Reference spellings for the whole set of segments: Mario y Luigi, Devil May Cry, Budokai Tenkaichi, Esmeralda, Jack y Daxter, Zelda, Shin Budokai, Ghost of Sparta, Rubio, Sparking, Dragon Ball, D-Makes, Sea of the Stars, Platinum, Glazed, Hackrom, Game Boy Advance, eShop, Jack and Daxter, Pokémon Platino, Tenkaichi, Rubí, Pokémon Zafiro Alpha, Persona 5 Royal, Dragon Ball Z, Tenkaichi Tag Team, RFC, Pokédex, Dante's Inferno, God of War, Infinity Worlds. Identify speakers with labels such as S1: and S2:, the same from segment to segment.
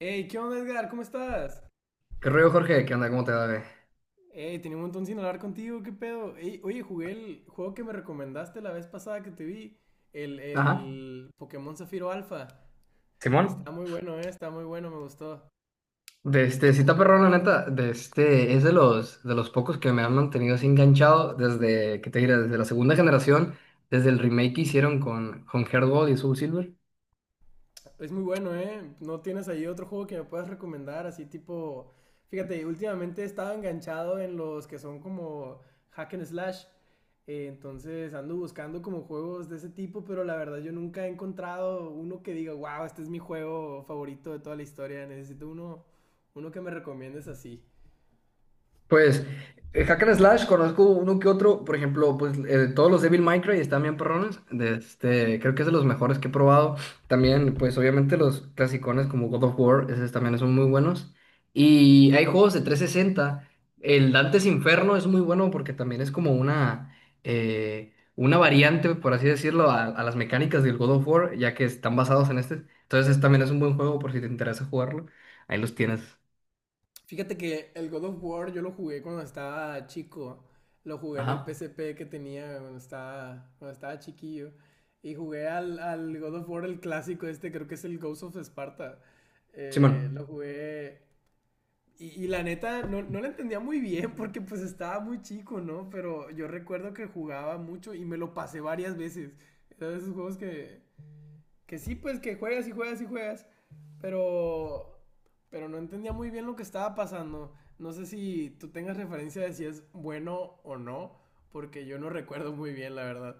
S1: Hey, ¿qué onda, Edgar? ¿Cómo estás?
S2: ¿Qué rollo, Jorge? ¿Qué onda? ¿Cómo te va, güey?
S1: Hey, tenía un montón sin hablar contigo, ¿qué pedo? Ey, oye, jugué el juego que me recomendaste la vez pasada que te vi, el,
S2: Ajá.
S1: el Pokémon Zafiro Alpha.
S2: Simón,
S1: Está muy bueno, me gustó.
S2: de este, sí está perrón, la neta, de este, es de los pocos que me han mantenido así enganchado desde, ¿qué te diré? Desde la segunda generación, desde el remake que hicieron con Heart Gold y Soul Silver.
S1: Es muy bueno, ¿eh? ¿No tienes ahí otro juego que me puedas recomendar? Así tipo. Fíjate, últimamente he estado enganchado en los que son como hack and slash. Entonces ando buscando como juegos de ese tipo, pero la verdad yo nunca he encontrado uno que diga, wow, este es mi juego favorito de toda la historia. Necesito uno que me recomiendes así.
S2: Pues, Hack and Slash, conozco uno que otro. Por ejemplo, pues todos los Devil May Cry están bien perrones, de este, creo que es de los mejores que he probado. También, pues obviamente los clasicones como God of War, esos también son muy buenos, y hay juegos de 360. El Dante's Inferno es muy bueno porque también es como una variante, por así decirlo, a las mecánicas del God of War, ya que están basados en este. Entonces también es un buen juego por si te interesa jugarlo, ahí los tienes.
S1: Fíjate que el God of War yo lo jugué cuando estaba chico. Lo jugué en el P
S2: Ajá.
S1: S P que tenía cuando cuando estaba chiquillo. Y jugué al God of War, el clásico este, creo que es el Ghost of Sparta.
S2: Simón.
S1: Lo jugué. Y la neta, no, no lo entendía muy bien porque pues estaba muy chico, ¿no? Pero yo recuerdo que jugaba mucho y me lo pasé varias veces. Era de esos juegos que sí, pues que juegas y juegas y juegas. Pero. Pero no entendía muy bien lo que estaba pasando. No sé si tú tengas referencia de si es bueno o no. Porque yo no recuerdo muy bien, la verdad.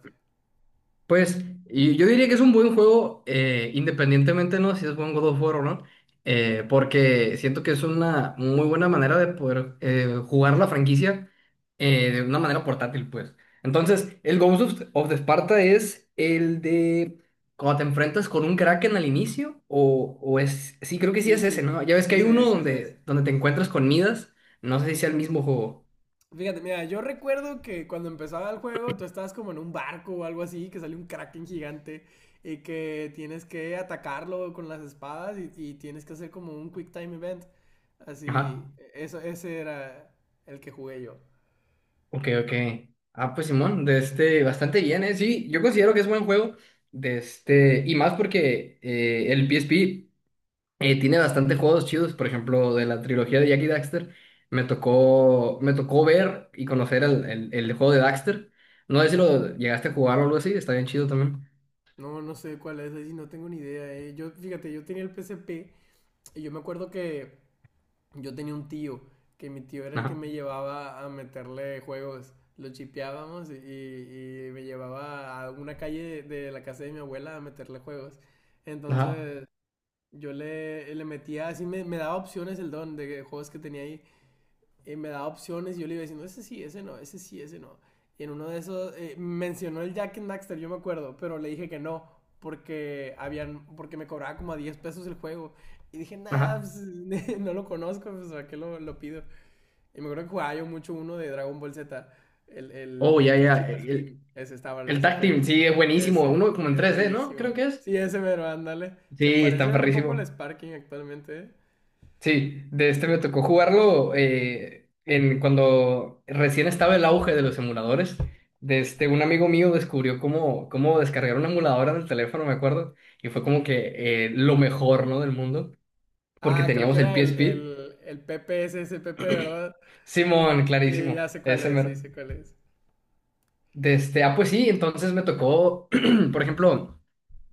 S2: Pues y yo diría que es un buen juego, independientemente, ¿no? Si es buen God of War o no, porque siento que es una muy buena manera de poder jugar la franquicia de una manera portátil, pues. Entonces, el Ghost of, of the Sparta es el de cuando te enfrentas con un Kraken al inicio, o es, sí, creo que sí
S1: Sí,
S2: es ese,
S1: sí.
S2: ¿no? Ya ves que hay
S1: Ese
S2: uno
S1: es, ese es.
S2: donde, donde te encuentras con Midas, no sé si sea el mismo juego.
S1: Fíjate, mira, yo recuerdo que cuando empezaba el juego, tú estabas como en un barco o algo así, que sale un kraken gigante y que tienes que atacarlo con las espadas y tienes que hacer como un quick time event. Así,
S2: Ajá.
S1: ese era el que jugué yo.
S2: Ok, ok. Ah, pues Simón, de este, bastante bien, ¿eh? Sí, yo considero que es buen juego. De este, y más porque el PSP tiene bastante juegos chidos. Por ejemplo, de la trilogía de Jack y Daxter, me tocó ver y conocer el, el juego de Daxter. No sé si lo llegaste a jugar o algo así, está bien chido también.
S1: No, no sé cuál es, ahí no tengo ni idea, eh. Yo, fíjate, yo tenía el P S P y yo me acuerdo que yo tenía un tío, que mi tío era el que
S2: Ajá,
S1: me llevaba a meterle juegos. Lo chipeábamos y me llevaba a una calle de la casa de mi abuela a meterle juegos.
S2: ajá,
S1: Entonces, yo le metía así, me daba opciones el don de juegos que tenía ahí, me daba opciones y yo le iba diciendo, ese sí, ese no, ese sí, ese no. Y en uno de esos, mencionó el Jack and Daxter, yo me acuerdo, pero le dije que no, porque me cobraba como a 10 pesos el juego. Y dije, nah,
S2: ajá.
S1: pues, no lo conozco, pues, ¿a qué lo pido? Y me acuerdo que jugaba yo mucho uno de Dragon Ball Z, el
S2: Oh, ya,
S1: Tenkaichi
S2: ya.
S1: Tag Team, ese estaba, el
S2: El Tag
S1: PSP,
S2: Team, sí, es buenísimo.
S1: ese,
S2: Uno como en
S1: es
S2: 3D, ¿no?
S1: buenísimo.
S2: Creo que es.
S1: Sí, ese mero, ándale. Se
S2: Sí, está
S1: parece un poco al
S2: perrísimo.
S1: Sparking actualmente, ¿eh?
S2: Sí, de este me tocó jugarlo en cuando recién estaba el auge de los emuladores. De este, un amigo mío descubrió cómo descargar una emuladora del teléfono, me acuerdo, y fue como que lo mejor, ¿no?, del mundo, porque
S1: Ah, creo que
S2: teníamos el
S1: era el,
S2: PSP.
S1: el, el PPSSPP, ¿verdad?
S2: Simón,
S1: Sí, ya
S2: clarísimo,
S1: sé cuál
S2: ese
S1: es,
S2: mero.
S1: sí, sé cuál es.
S2: De este, ah, pues sí, entonces me tocó, por ejemplo.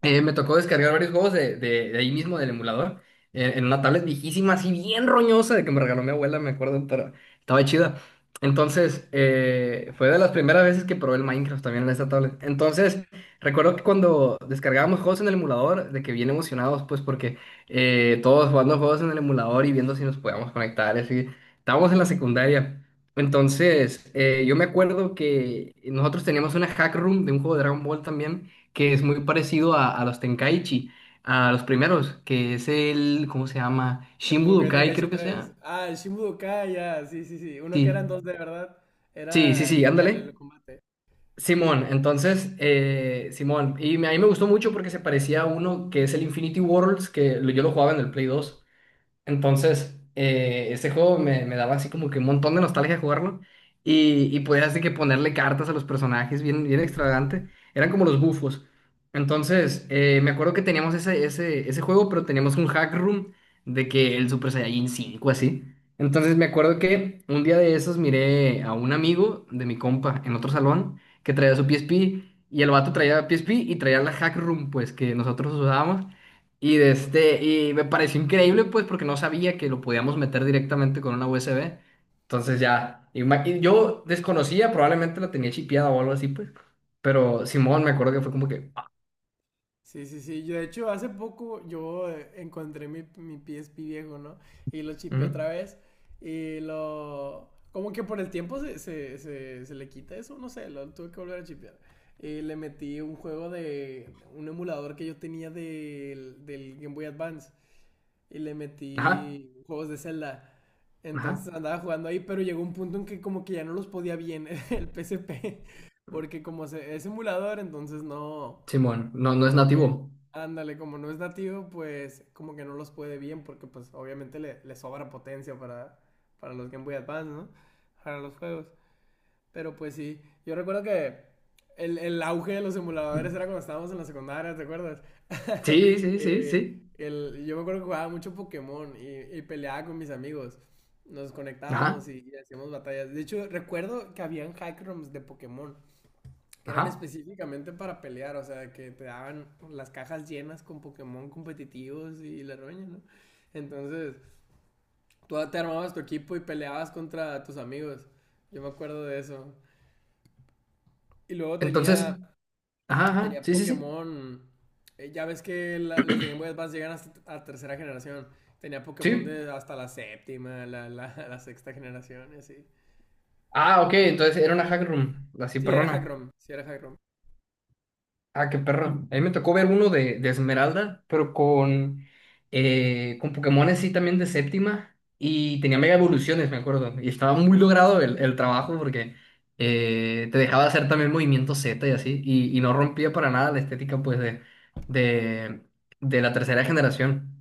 S2: Me tocó descargar varios juegos de, de ahí mismo, del emulador, en una tablet viejísima, así bien roñosa, de que me regaló mi abuela, me acuerdo, pero estaba chida. Entonces, fue de las primeras veces que probé el Minecraft también en esta tablet. Entonces, recuerdo que cuando descargábamos juegos en el emulador, de que bien emocionados, pues porque todos jugando juegos en el emulador y viendo si nos podíamos conectar, así. Estábamos en la secundaria. Entonces, yo me acuerdo que nosotros teníamos una hack room de un juego de Dragon Ball también, que es muy parecido a los Tenkaichi, a los primeros, que es el, ¿cómo se llama?
S1: El
S2: Shin
S1: Budokai
S2: Budokai,
S1: Tenkaichi
S2: creo que
S1: tres
S2: sea.
S1: Ah, el Shin Budokai, ya, sí, sí, sí. Uno que eran
S2: Sí,
S1: dos de verdad,
S2: sí, sí,
S1: era
S2: sí,
S1: lineal el
S2: ándale.
S1: combate.
S2: Simón, entonces, Simón, y me- a mí me gustó mucho porque se parecía a uno que es el Infinity Worlds, que lo- yo lo jugaba en el Play 2. Entonces, ese juego me, me daba así como que un montón de nostalgia jugarlo. Y podías así que ponerle cartas a los personajes, bien, bien extravagante. Eran como los bufos. Entonces, me acuerdo que teníamos ese, ese juego, pero teníamos un hack room de que el Super Saiyajin 5 así. Entonces, me acuerdo que un día de esos miré a un amigo de mi compa en otro salón que traía su PSP. Y el vato traía PSP y traía la hack room, pues, que nosotros usábamos. Y de este, y me pareció increíble, pues, porque no sabía que lo podíamos meter directamente con una USB. Entonces ya, y ma- y yo desconocía, probablemente la tenía chipeada o algo así, pues. Pero Simón, me acuerdo que fue como que, ah,
S1: Sí, sí, sí. Yo, de hecho, hace poco yo, encontré mi PSP viejo, ¿no? Y lo chipé
S2: ujú,
S1: otra vez. Como que por el tiempo se le quita eso, no sé, lo tuve que volver a chipear. Y le metí un emulador que yo tenía del Game Boy Advance. Y le
S2: ajá,
S1: metí juegos de Zelda.
S2: ajá,
S1: Entonces andaba jugando ahí, pero llegó un punto en que como que ya no los podía bien el P S P porque como es emulador, entonces no,
S2: Simón, no, no es
S1: como que,
S2: nativo.
S1: ándale, como no es nativo, pues como que no los puede bien, porque pues obviamente le sobra potencia para los Game Boy Advance, ¿no? Para los juegos. Pero pues sí, yo recuerdo que el auge de los emuladores era cuando estábamos en la secundaria, ¿te acuerdas?
S2: Sí, sí, sí,
S1: Eh,
S2: sí,
S1: yo me acuerdo que jugaba mucho Pokémon y peleaba con mis amigos. Nos conectábamos
S2: ajá,
S1: y hacíamos batallas. De hecho, recuerdo que habían hack rooms de Pokémon que eran
S2: ajá.
S1: específicamente para pelear, o sea, que te daban las cajas llenas con Pokémon competitivos y la roña, ¿no? Entonces, tú te armabas tu equipo y peleabas contra tus amigos. Yo me acuerdo de eso. Y luego
S2: Entonces,
S1: tenía,
S2: ajá, ajá,
S1: tenía
S2: sí, sí, sí,
S1: Pokémon. Ya ves que las de Game Boy Advance llegan hasta a tercera generación. Tenía Pokémon
S2: sí.
S1: de hasta la séptima, la sexta generación y así.
S2: Ah, ok, entonces era una hack room, así
S1: Sí, era
S2: perrona.
S1: Hackrom. Sí, era Hackrom.
S2: Ah, qué perro. A mí me tocó ver uno de Esmeralda, pero con Pokémon así también de séptima. Y tenía mega evoluciones, me acuerdo. Y estaba muy logrado el trabajo porque te dejaba hacer también movimiento Z y así. Y no rompía para nada la estética pues de, de la tercera generación.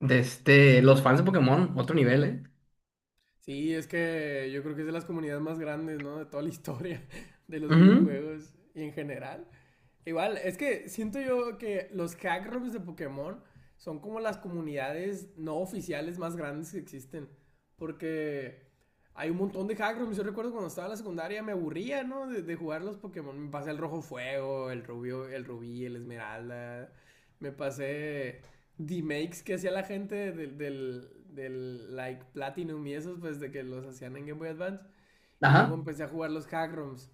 S2: De este, los fans de Pokémon, otro nivel, ¿eh?
S1: Sí, es que yo creo que es de las comunidades más grandes, ¿no? De toda la historia de los
S2: Ujú.
S1: videojuegos y en general. Igual, es que siento yo que los hack rooms de Pokémon son como las comunidades no oficiales más grandes que existen. Porque hay un montón de hack rooms. Yo recuerdo cuando estaba en la secundaria me aburría, ¿no? De jugar los Pokémon. Me pasé el Rojo Fuego, el Rubio, el Rubí, el Esmeralda. Me pasé D-Makes que hacía la gente del like Platinum y esos, pues de que los hacían en Game Boy Advance. Y luego
S2: Ajá.
S1: empecé a jugar los hack ROMs.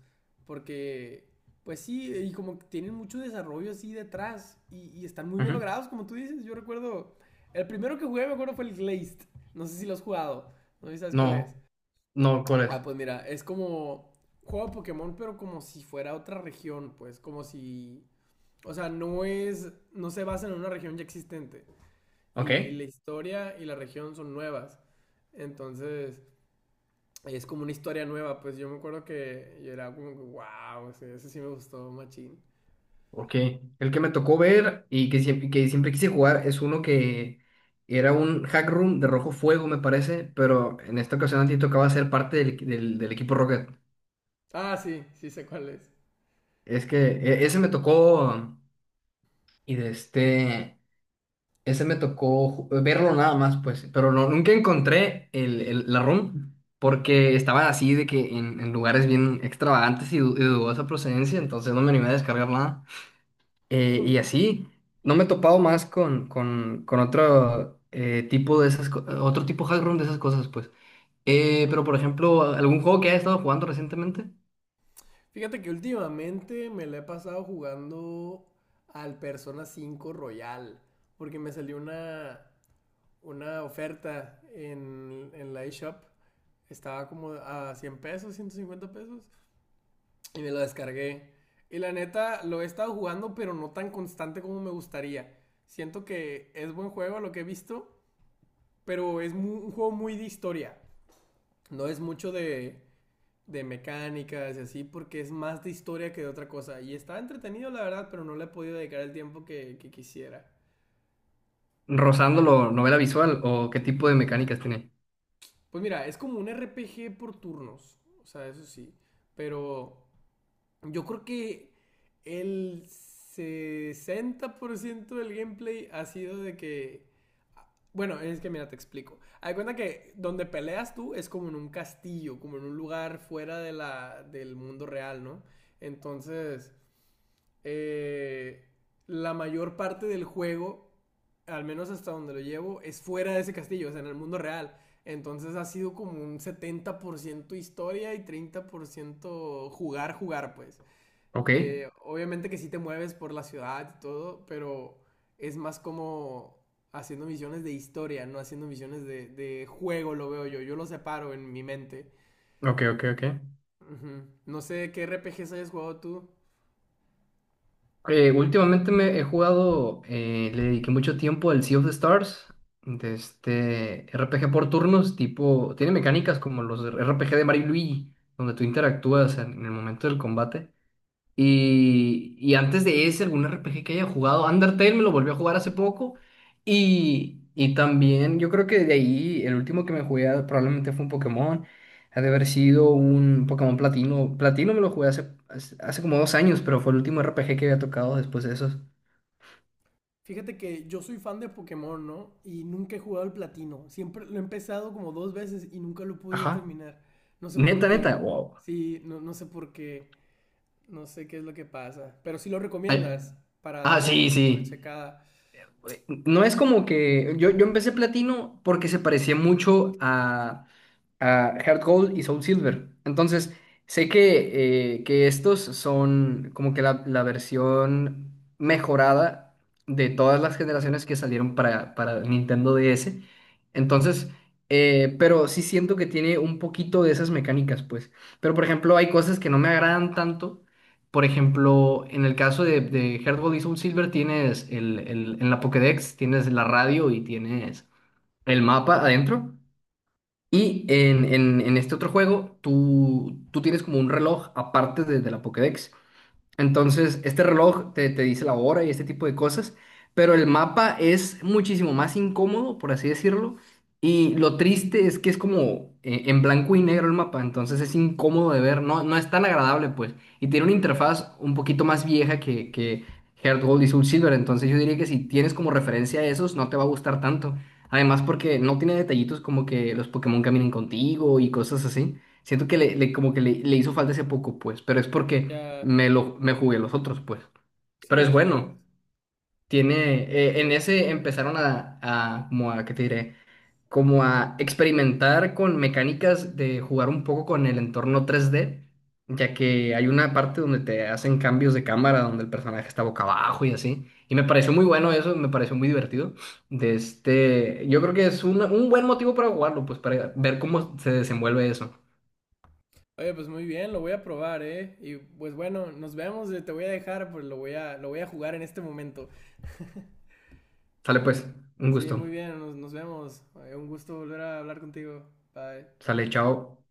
S1: Porque, pues sí, y como que tienen mucho desarrollo así detrás. Y están muy bien
S2: Ujú.
S1: logrados, como tú dices. Yo recuerdo. El primero que jugué, me acuerdo, fue el Glazed. No sé si lo has jugado. No sé si sabes cuál es.
S2: No, no, ¿cuál es?
S1: Ah, pues mira, es como. Juego de Pokémon, pero como si fuera otra región, pues. Como si. O sea, no es. No se basa en una región ya existente.
S2: Ok.
S1: Y la historia y la región son nuevas. Entonces es como una historia nueva, pues yo me acuerdo que yo era como, wow, ese sí me gustó, machín.
S2: Ok, el que me tocó ver y que siempre quise jugar es uno que era un hack room de rojo fuego, me parece, pero en esta ocasión a ti tocaba ser parte del, del equipo Rocket.
S1: Ah, sí, sí sé cuál es.
S2: Es que e- ese me tocó y de este, ese me tocó ju- verlo nada más, pues, pero no, nunca encontré el, la room porque estaba así de que en lugares bien extravagantes y, du- y dudosa procedencia, entonces no me animé a descargar nada. Y así, no me he topado más con otro tipo de esas, co- otro tipo hack room de esas cosas, pues. Pero, por ejemplo, ¿algún juego que hayas estado jugando recientemente?
S1: Fíjate que últimamente me la he pasado jugando al Persona 5 Royal, porque me salió una oferta en la eShop. Estaba como a 100 pesos, 150 pesos, y me lo descargué. Y la neta, lo he estado jugando, pero no tan constante como me gustaría. Siento que es buen juego lo que he visto. Pero es un juego muy de historia. No es mucho de mecánicas y así, porque es más de historia que de otra cosa. Y está entretenido, la verdad, pero no le he podido dedicar el tiempo que quisiera.
S2: ¿Rozándolo, novela visual o qué tipo de mecánicas tiene?
S1: Pues mira, es como un RPG por turnos. O sea, eso sí. Pero yo creo que el 60% del gameplay ha sido. De que Bueno, es que mira, te explico. Hay cuenta que donde peleas tú es como en un castillo, como en un lugar fuera de del mundo real, ¿no? Entonces, eh, la mayor parte del juego, al menos hasta donde lo llevo, es fuera de ese castillo, o sea, en el mundo real. Entonces ha sido como un 70% historia y 30% jugar, jugar, pues.
S2: Ok,
S1: Obviamente que sí te mueves por la ciudad y todo, pero es más como haciendo misiones de historia, no haciendo misiones de juego, lo veo yo. Yo lo separo en mi mente.
S2: ok, ok, ok.
S1: Ujú. No sé qué RPGs hayas jugado tú.
S2: Últimamente me he jugado, le dediqué mucho tiempo al Sea of the Stars, de este RPG por turnos, tipo, tiene mecánicas como los RPG de Mario y Luigi, donde tú interactúas en el momento del combate. Y antes de ese, algún RPG que haya jugado, Undertale me lo volvió a jugar hace poco. Y también yo creo que de ahí el último que me jugué ah, probablemente fue un Pokémon. Ha de haber sido un Pokémon Platino. Platino me lo jugué hace, hace, hace como 2 años, pero fue el último RPG que había tocado después de esos.
S1: Fíjate que yo soy fan de Pokémon, ¿no? Y nunca he jugado al platino. Siempre lo he empezado como dos veces y nunca lo he podido
S2: Ajá.
S1: terminar. No sé por
S2: Neta, neta.
S1: qué.
S2: Wow.
S1: Sí, no, no sé por qué. No sé qué es lo que pasa. Pero sí lo
S2: Ay,
S1: recomiendas para
S2: ah,
S1: darle
S2: sí,
S1: una
S2: sí.
S1: checada.
S2: No es como que yo empecé platino porque se parecía mucho a Heart Gold y Soul Silver. Entonces, sé que estos son como que la versión mejorada de todas las generaciones que salieron para Nintendo DS. Entonces, pero sí siento que tiene un poquito de esas mecánicas, pues. Pero, por ejemplo, hay cosas que no me agradan tanto, por ejemplo, en el caso de Heart Gold y Soul Silver, tienes el, en la Pokédex, tienes la radio y tienes el mapa adentro. Y en, en este otro juego, tú tienes como un reloj aparte de la Pokédex. Entonces, este reloj te, te dice la hora y este tipo de cosas, pero el mapa es muchísimo más incómodo, por así decirlo, y lo triste es que es como en blanco y negro el mapa, entonces es incómodo de ver, no, no es tan agradable, pues, y tiene una
S1: Mm, ya.
S2: interfaz un poquito más vieja que Heart Gold y Soul Silver, entonces yo diría que si tienes como referencia a esos, no te va a gustar tanto, además porque no tiene detallitos como que los Pokémon caminen contigo y cosas así. Siento que le, como que le hizo falta ese poco, pues, pero es porque
S1: Ya.
S2: me lo me jugué los otros, pues. Pero es
S1: Sí, sí, pues
S2: bueno. Tiene,
S1: muy
S2: en
S1: bien.
S2: ese empezaron a, como a, ¿qué te diré? Como a experimentar con mecánicas de jugar un poco con el entorno 3D, ya que hay una parte donde te hacen cambios de cámara, donde el personaje está boca abajo y así. Y me pareció muy bueno eso, me pareció muy divertido. De este, yo creo que es un buen motivo para jugarlo, pues para ver cómo se desenvuelve eso.
S1: Oye, pues muy bien, lo voy a probar, ¿eh? Y pues bueno, nos vemos, te voy a dejar, pues lo voy a jugar en este momento.
S2: Sale pues, un
S1: Sí,
S2: gusto.
S1: muy bien, nos vemos. Un gusto volver a hablar contigo. Bye.
S2: Sale, chao.